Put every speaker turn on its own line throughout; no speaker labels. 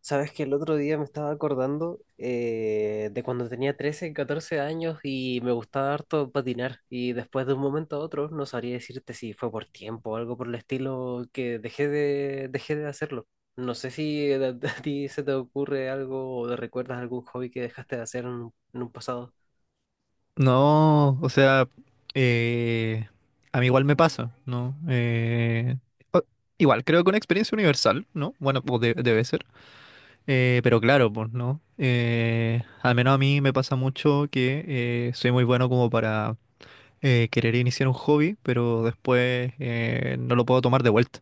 Sabes que el otro día me estaba acordando de cuando tenía 13, 14 años, y me gustaba harto patinar, y después de un momento a otro no sabría decirte si fue por tiempo o algo por el estilo que dejé de hacerlo. No sé si a, a ti se te ocurre algo, o te recuerdas algún hobby que dejaste de hacer en un pasado.
No, o sea, eh, a mí igual me pasa, ¿no? O- Igual, creo que una experiencia universal, ¿no? Bueno, pues debe ser. Pero claro, pues, ¿no? Al menos a mí me pasa mucho que soy muy bueno como para querer iniciar un hobby, pero después no lo puedo tomar de vuelta,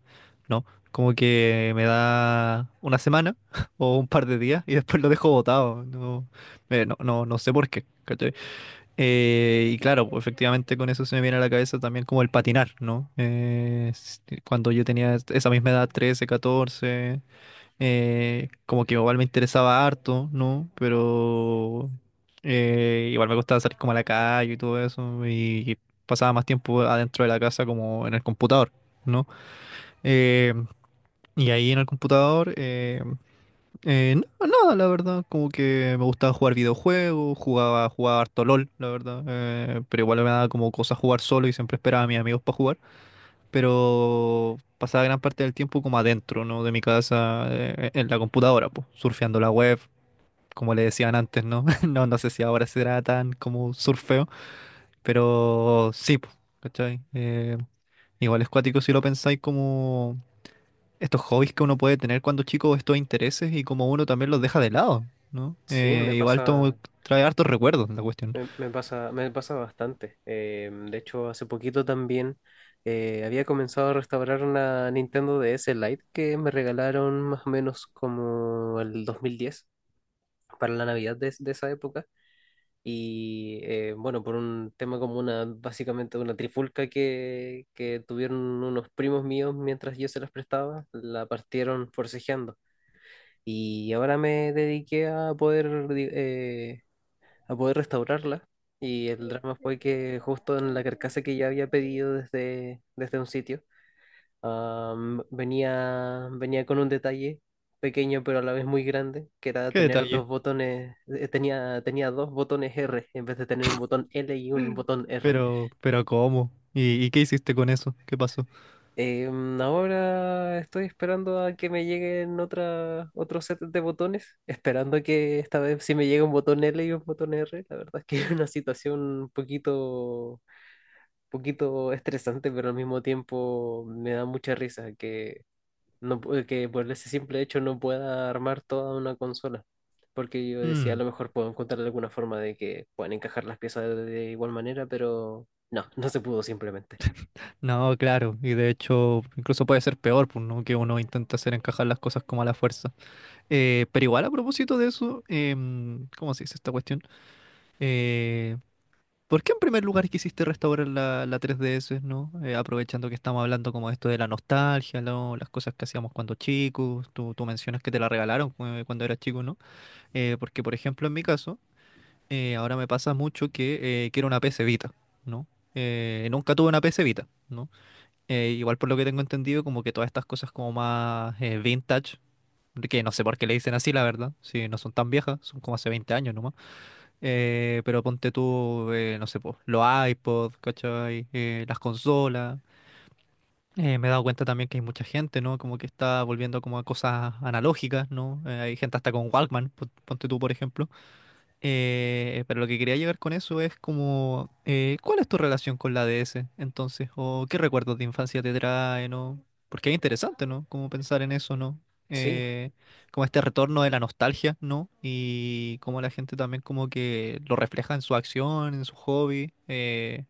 ¿no? Como que me da una semana o un par de días y después lo dejo botado, ¿no? No, no sé por qué, ¿cachai? Y claro, pues efectivamente con eso se me viene a la cabeza también como el patinar, ¿no? Cuando yo tenía esa misma edad, 13 14 como que igual me interesaba harto, ¿no? Pero igual me gustaba salir como a la calle y todo eso, y pasaba más tiempo adentro de la casa como en el computador, ¿no? Eh, y ahí en el computador. No, nada, la verdad, como que me gustaba jugar videojuegos, jugaba harto LOL, la verdad, pero igual me daba como cosa jugar solo y siempre esperaba a mis amigos para jugar, pero pasaba gran parte del tiempo como adentro, ¿no? De mi casa, en la computadora, pues, surfeando la web, como le decían antes, ¿no? No, no sé si ahora será tan como surfeo, pero sí, pues, ¿cachai? Igual es cuático si lo pensáis como estos hobbies que uno puede tener cuando chico, estos intereses y como uno también los deja de lado, ¿no?
Sí, me
Igual to-
pasa.
Trae hartos recuerdos la cuestión.
Me pasa bastante. De hecho, hace poquito también había comenzado a restaurar una Nintendo DS Lite que me regalaron más o menos como el 2010, para la Navidad de esa época. Y bueno, por un tema como una, básicamente una trifulca que tuvieron unos primos míos mientras yo se las prestaba, la partieron forcejeando. Y ahora me dediqué a poder restaurarla. Y el drama fue que justo en la carcasa que ya había pedido desde un sitio, venía con un detalle pequeño, pero a la vez muy grande, que era
Qué
tener
detalle.
dos botones: tenía dos botones R en vez de tener un botón L y un botón R.
Pero ¿cómo? ¿Y qué hiciste con eso? ¿Qué pasó?
Ahora estoy esperando a que me lleguen otra, otro set de botones, esperando que esta vez sí me llegue un botón L y un botón R. La verdad es que es una situación un poquito poquito estresante, pero al mismo tiempo me da mucha risa que, no, que por ese simple hecho no pueda armar toda una consola. Porque yo decía, a
Mm,
lo mejor puedo encontrar alguna forma de que puedan encajar las piezas de igual manera, pero no, no se pudo simplemente.
no, claro. Y de hecho, incluso puede ser peor, pues, ¿no? Que uno intenta hacer encajar las cosas como a la fuerza. Pero igual a propósito de eso, em, ¿cómo se dice esta cuestión? Eh, ¿Por qué en primer lugar quisiste restaurar la 3DS, ¿no? Aprovechando que estamos hablando como de esto de la nostalgia, ¿no? Las cosas que hacíamos cuando chicos, tú mencionas que te la regalaron cuando eras chico, ¿no? Porque, por ejemplo, en mi caso, ahora me pasa mucho que quiero una PC Vita, ¿no? Nunca tuve una PC Vita, ¿no? Igual por lo que tengo entendido, como que todas estas cosas como más vintage, que no sé por qué le dicen así, la verdad, si no son tan viejas, son como hace 20 años, pero ponte tú, no sé, po, los iPods, ¿cachai? Las consolas. Me he dado cuenta también que hay mucha gente, ¿no? Como que está volviendo como a cosas analógicas, ¿no? Hay gente hasta con Walkman, ponte tú, por ejemplo. Pero lo que quería llegar con eso es como, ¿cuál es tu relación con la DS entonces? ¿O qué recuerdos de infancia te traen? ¿O? Porque es interesante, ¿no? Como pensar en eso, ¿no?
Sí,
Eh, Como este retorno de la nostalgia, ¿no? Y como la gente también como que lo refleja en su acción, en su hobby.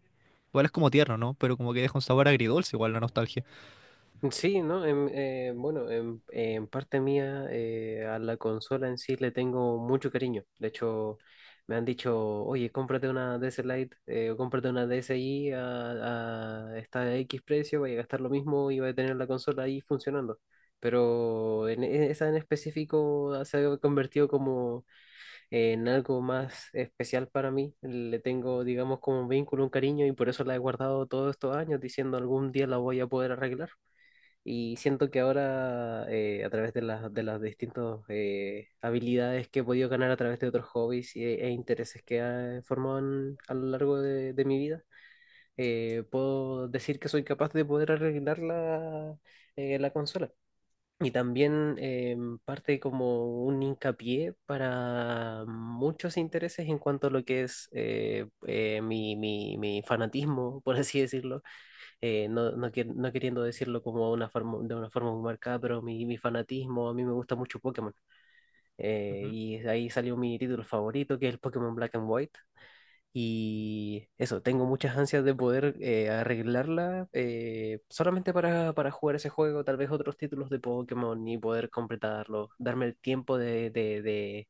Igual es como tierno, ¿no? Pero como que deja un sabor agridulce igual la nostalgia.
sí, ¿no? Bueno, en parte mía, a la consola en sí le tengo mucho cariño. De hecho, me han dicho, oye, cómprate una DS Lite, o cómprate una DSi a esta X precio, vaya a gastar lo mismo y vaya a tener la consola ahí funcionando. Pero esa en específico, se ha convertido como en algo más especial para mí. Le tengo, digamos, como un vínculo, un cariño, y por eso la he guardado todos estos años, diciendo algún día la voy a poder arreglar. Y siento que ahora, a través de las distintas habilidades que he podido ganar a través de otros hobbies e intereses que he formado a lo largo de mi vida, puedo decir que soy capaz de poder arreglar la consola. Y también, parte como un hincapié para muchos intereses en cuanto a lo que es mi fanatismo, por así decirlo. No, no, no queriendo decirlo como una forma, de una forma muy marcada, pero mi fanatismo, a mí me gusta mucho Pokémon. Eh,
Ujú.
y de ahí salió mi título favorito, que es el Pokémon Black and White. Y eso, tengo muchas ansias de poder arreglarla, solamente para jugar ese juego, tal vez otros títulos de Pokémon, y poder completarlo, darme el tiempo de, de, de,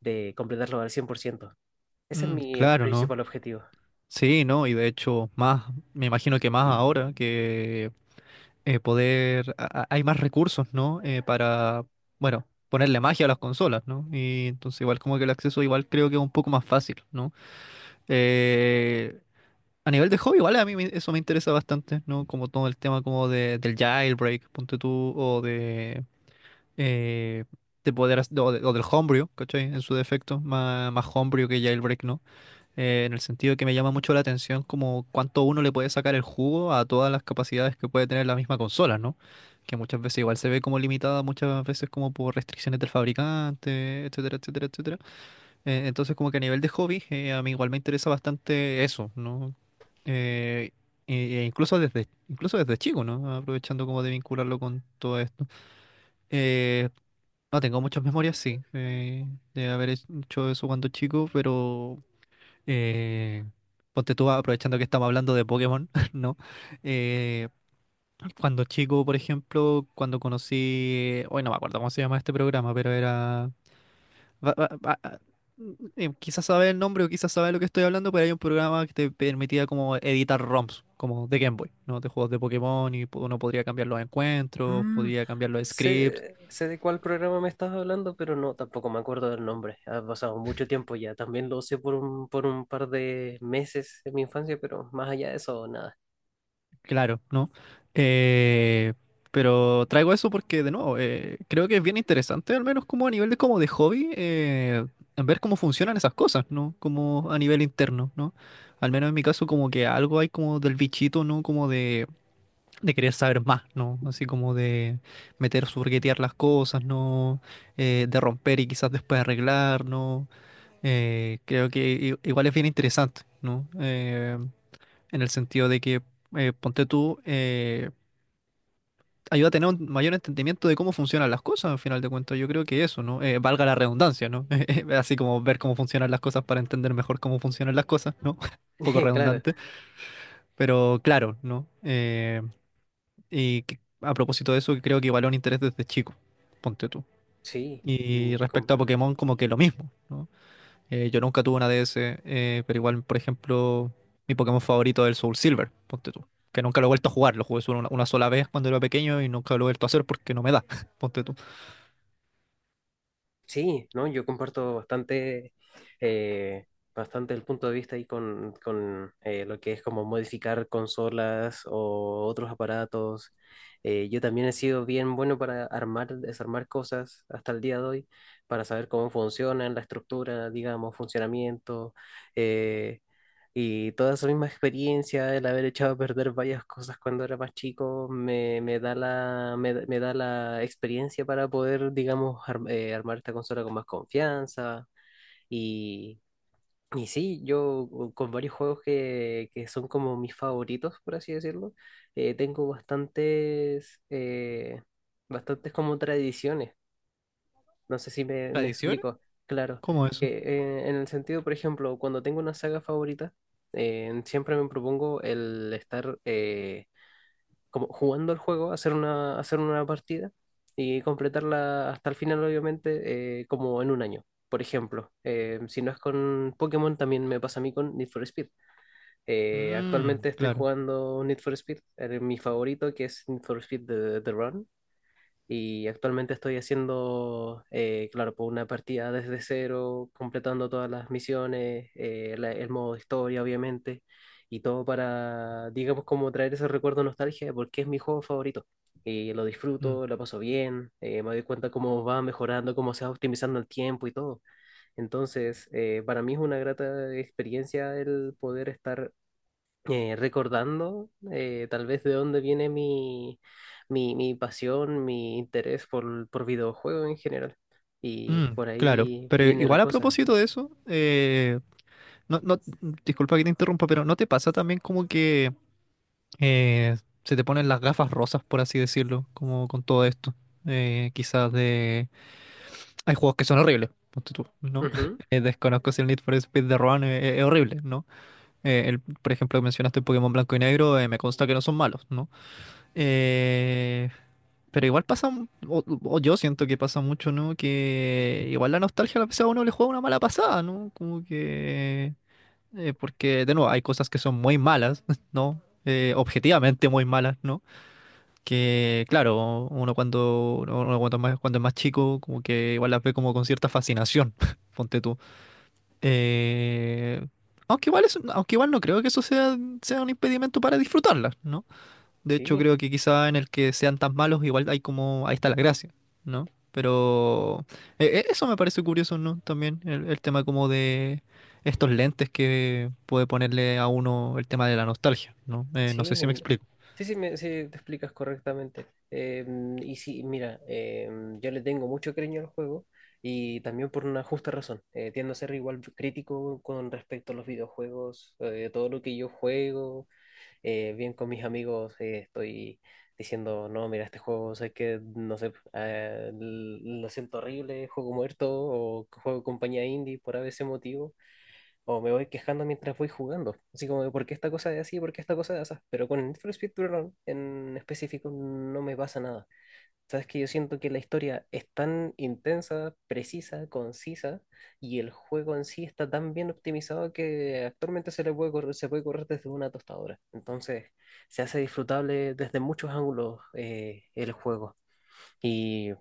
de completarlo al 100%. Ese es
Mm,
mi
claro, ¿no?
principal objetivo.
Sí, ¿no? Y de hecho, más, me imagino que más ahora que hay más recursos, ¿no? Para, bueno, ponerle magia a las consolas, ¿no? Y entonces igual como que el acceso igual creo que es un poco más fácil, ¿no? Eh, a nivel de hobby, igual a mí eso me interesa bastante, ¿no? Como todo el tema como del jailbreak, ponte tú, o eh, de poder, hac- o, de- o del homebrew, ¿cachai? En su defecto, más homebrew que jailbreak, ¿no? En el sentido que me llama mucho la atención como cuánto uno le puede sacar el jugo a todas las capacidades que puede tener la misma consola, ¿no? Que muchas veces igual se ve como limitada, muchas veces como por restricciones del fabricante, etcétera, etcétera, etcétera. Entonces como que a nivel de hobby, a mí igual me interesa bastante eso, ¿no? Eh, e incluso incluso desde chico, ¿no? Aprovechando como de vincularlo con todo esto. Eh, no tengo muchas memorias, sí, de haber hecho eso cuando chico, pero eh, ponte tú aprovechando que estamos hablando de Pokémon, ¿no? Eh, Cuando chico, por ejemplo, cuando conocí, hoy no me acuerdo cómo se llama este programa, pero era... va- va- va- ah, quizás sabe el nombre o quizás sabe lo que estoy hablando, pero hay un programa que te permitía como editar ROMs, como de Game Boy, ¿no? De juegos de Pokémon y uno podría cambiar los encuentros,
Mm,
podría cambiar los scripts.
sé de cuál programa me estás hablando, pero no, tampoco me acuerdo del nombre. Ha pasado mucho tiempo ya. También lo usé por un par de meses en mi infancia, pero más allá de eso, nada.
Claro, ¿no? Eh, pero traigo eso porque, de nuevo, creo que es bien interesante, al menos como a nivel de, como de hobby, en ver cómo funcionan esas cosas, ¿no? Como a nivel interno, ¿no? Al menos en mi caso, como que algo hay como del bichito, ¿no? Como de querer saber más, ¿no? Así como de meter, surguetear las cosas, ¿no? De romper y quizás después arreglar, ¿no? Creo que igual es bien interesante, ¿no? En el sentido de que, ponte tú, ayuda a tener un mayor entendimiento de cómo funcionan las cosas, al final de cuentas. Yo creo que eso, ¿no? Valga la redundancia, ¿no? Así como ver cómo funcionan las cosas para entender mejor cómo funcionan las cosas, ¿no? Un poco
Claro,
redundante, pero claro, ¿no? Y a propósito de eso, creo que igual es un interés desde chico, ponte tú.
sí.
Y respecto a Pokémon, como que lo mismo, ¿no? Yo nunca tuve una DS, pero igual, por ejemplo, mi Pokémon favorito es el Soul Silver, ponte tú. Que nunca lo he vuelto a jugar, lo jugué solo una sola vez cuando era pequeño y nunca lo he vuelto a hacer porque no me da, ponte tú.
Sí, ¿no? Yo comparto eh, bastante el punto de vista ahí con lo que es como modificar consolas o otros aparatos. Yo también he sido bien bueno para armar, desarmar cosas hasta el día de hoy, para saber cómo funcionan, la estructura, digamos, funcionamiento. eh, y toda esa misma experiencia, el haber echado a perder varias cosas cuando era más chico, me da la experiencia para poder, digamos, armar esta consola con más confianza. Y, y sí, yo con varios juegos que son como mis favoritos, por así decirlo. Tengo bastantes como tradiciones. No sé si me
¿Tradiciones?
explico. Claro,
¿Cómo eso?
que, en el sentido, por ejemplo, cuando tengo una saga favorita, siempre me propongo el estar como jugando el juego, hacer una partida y completarla hasta el final, obviamente, como en un año. Por ejemplo, si no es con Pokémon, también me pasa a mí con Need for Speed.
Mm,
Actualmente estoy
claro.
jugando Need for Speed, mi favorito, que es Need for Speed The Run. Y actualmente estoy haciendo, claro, por una partida desde cero, completando todas las misiones, el modo historia, obviamente, y todo para, digamos, como traer ese recuerdo de nostalgia, porque es mi juego favorito. Y lo
Mm,
disfruto, lo paso bien. Me doy cuenta cómo va mejorando, cómo se va optimizando el tiempo y todo. Entonces, para mí es una grata experiencia el poder estar recordando, tal vez, de dónde viene mi pasión, mi interés por videojuegos en general. Y
mm,
por
claro.
ahí
Pero
viene la
igual a
cosa.
propósito de eso, no, no, disculpa que te interrumpa, pero ¿no te pasa también como que eh, se te ponen las gafas rosas, por así decirlo, como con todo esto? Quizás de hay juegos que son horribles, ponte tú, ¿no?
Ujú.
Desconozco si el Need for Speed de Roan es, horrible, ¿no? El, por ejemplo, mencionaste Pokémon Blanco y Negro, me consta que no son malos, ¿no? Eh, pero igual pasa, o yo siento que pasa mucho, ¿no? Que igual la nostalgia a la vez a uno le juega una mala pasada, ¿no? Como que... porque, de nuevo, hay cosas que son muy malas, ¿no? Objetivamente muy malas, ¿no? Que claro, uno cuando cuando es más chico, como que igual las ve como con cierta fascinación, ponte tú. Eh, Aunque igual no creo que eso sea un impedimento para disfrutarlas, ¿no? De hecho,
Sí,
creo que quizá en el que sean tan malos, igual hay como, ahí está la gracia, ¿no? Pero eso me parece curioso, ¿no? También el tema como de estos lentes que puede ponerle a uno el tema de la nostalgia, ¿no? No
sí,
sé si me explico.
sí, sí, sí, te explicas correctamente. Y sí, mira, yo le tengo mucho cariño al juego, y también por una justa razón. Tiendo a ser igual crítico con respecto a los videojuegos. Todo lo que yo juego bien con mis amigos, estoy diciendo, no, mira, este juego, sé que, no sé, lo siento horrible, juego muerto, o juego compañía indie por a veces motivo, o me voy quejando mientras voy jugando, así como, ¿por qué esta cosa es así? ¿Por qué esta cosa es así? Pero con el Need for Speed Speedrun en específico no me pasa nada. Sabes que yo siento que la historia es tan intensa, precisa, concisa, y el juego en sí está tan bien optimizado que actualmente se le puede correr, se puede correr desde una tostadora. Entonces, se hace disfrutable desde muchos ángulos, el juego. Y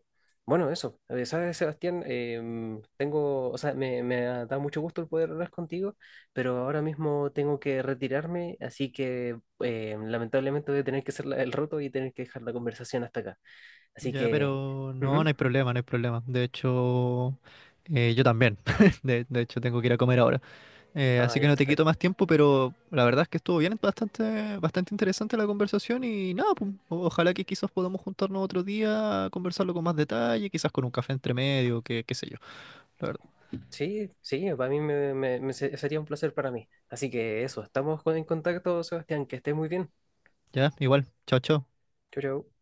bueno, eso. Sabes, Sebastián, tengo, o sea, me ha dado mucho gusto el poder hablar contigo, pero ahora mismo tengo que retirarme, así que lamentablemente voy a tener que hacer el roto y tener que dejar la conversación hasta acá. Así
Ya,
que.
pero no,
Ujú.
no hay problema, no hay problema. De hecho, yo también. De hecho, tengo que ir a comer ahora.
Ah,
Así que
ya,
no te quito
perfecto.
más tiempo, pero la verdad es que estuvo bien, bastante interesante la conversación y nada, pues, ojalá que quizás podamos juntarnos otro día a conversarlo con más detalle, quizás con un café entre medio, que, qué sé yo. La verdad.
Sí, sí, para mí sería un placer para mí. Así que eso, estamos en contacto, Sebastián. Que estés muy bien.
Ya, igual. Chao, chao.
Chau, chau.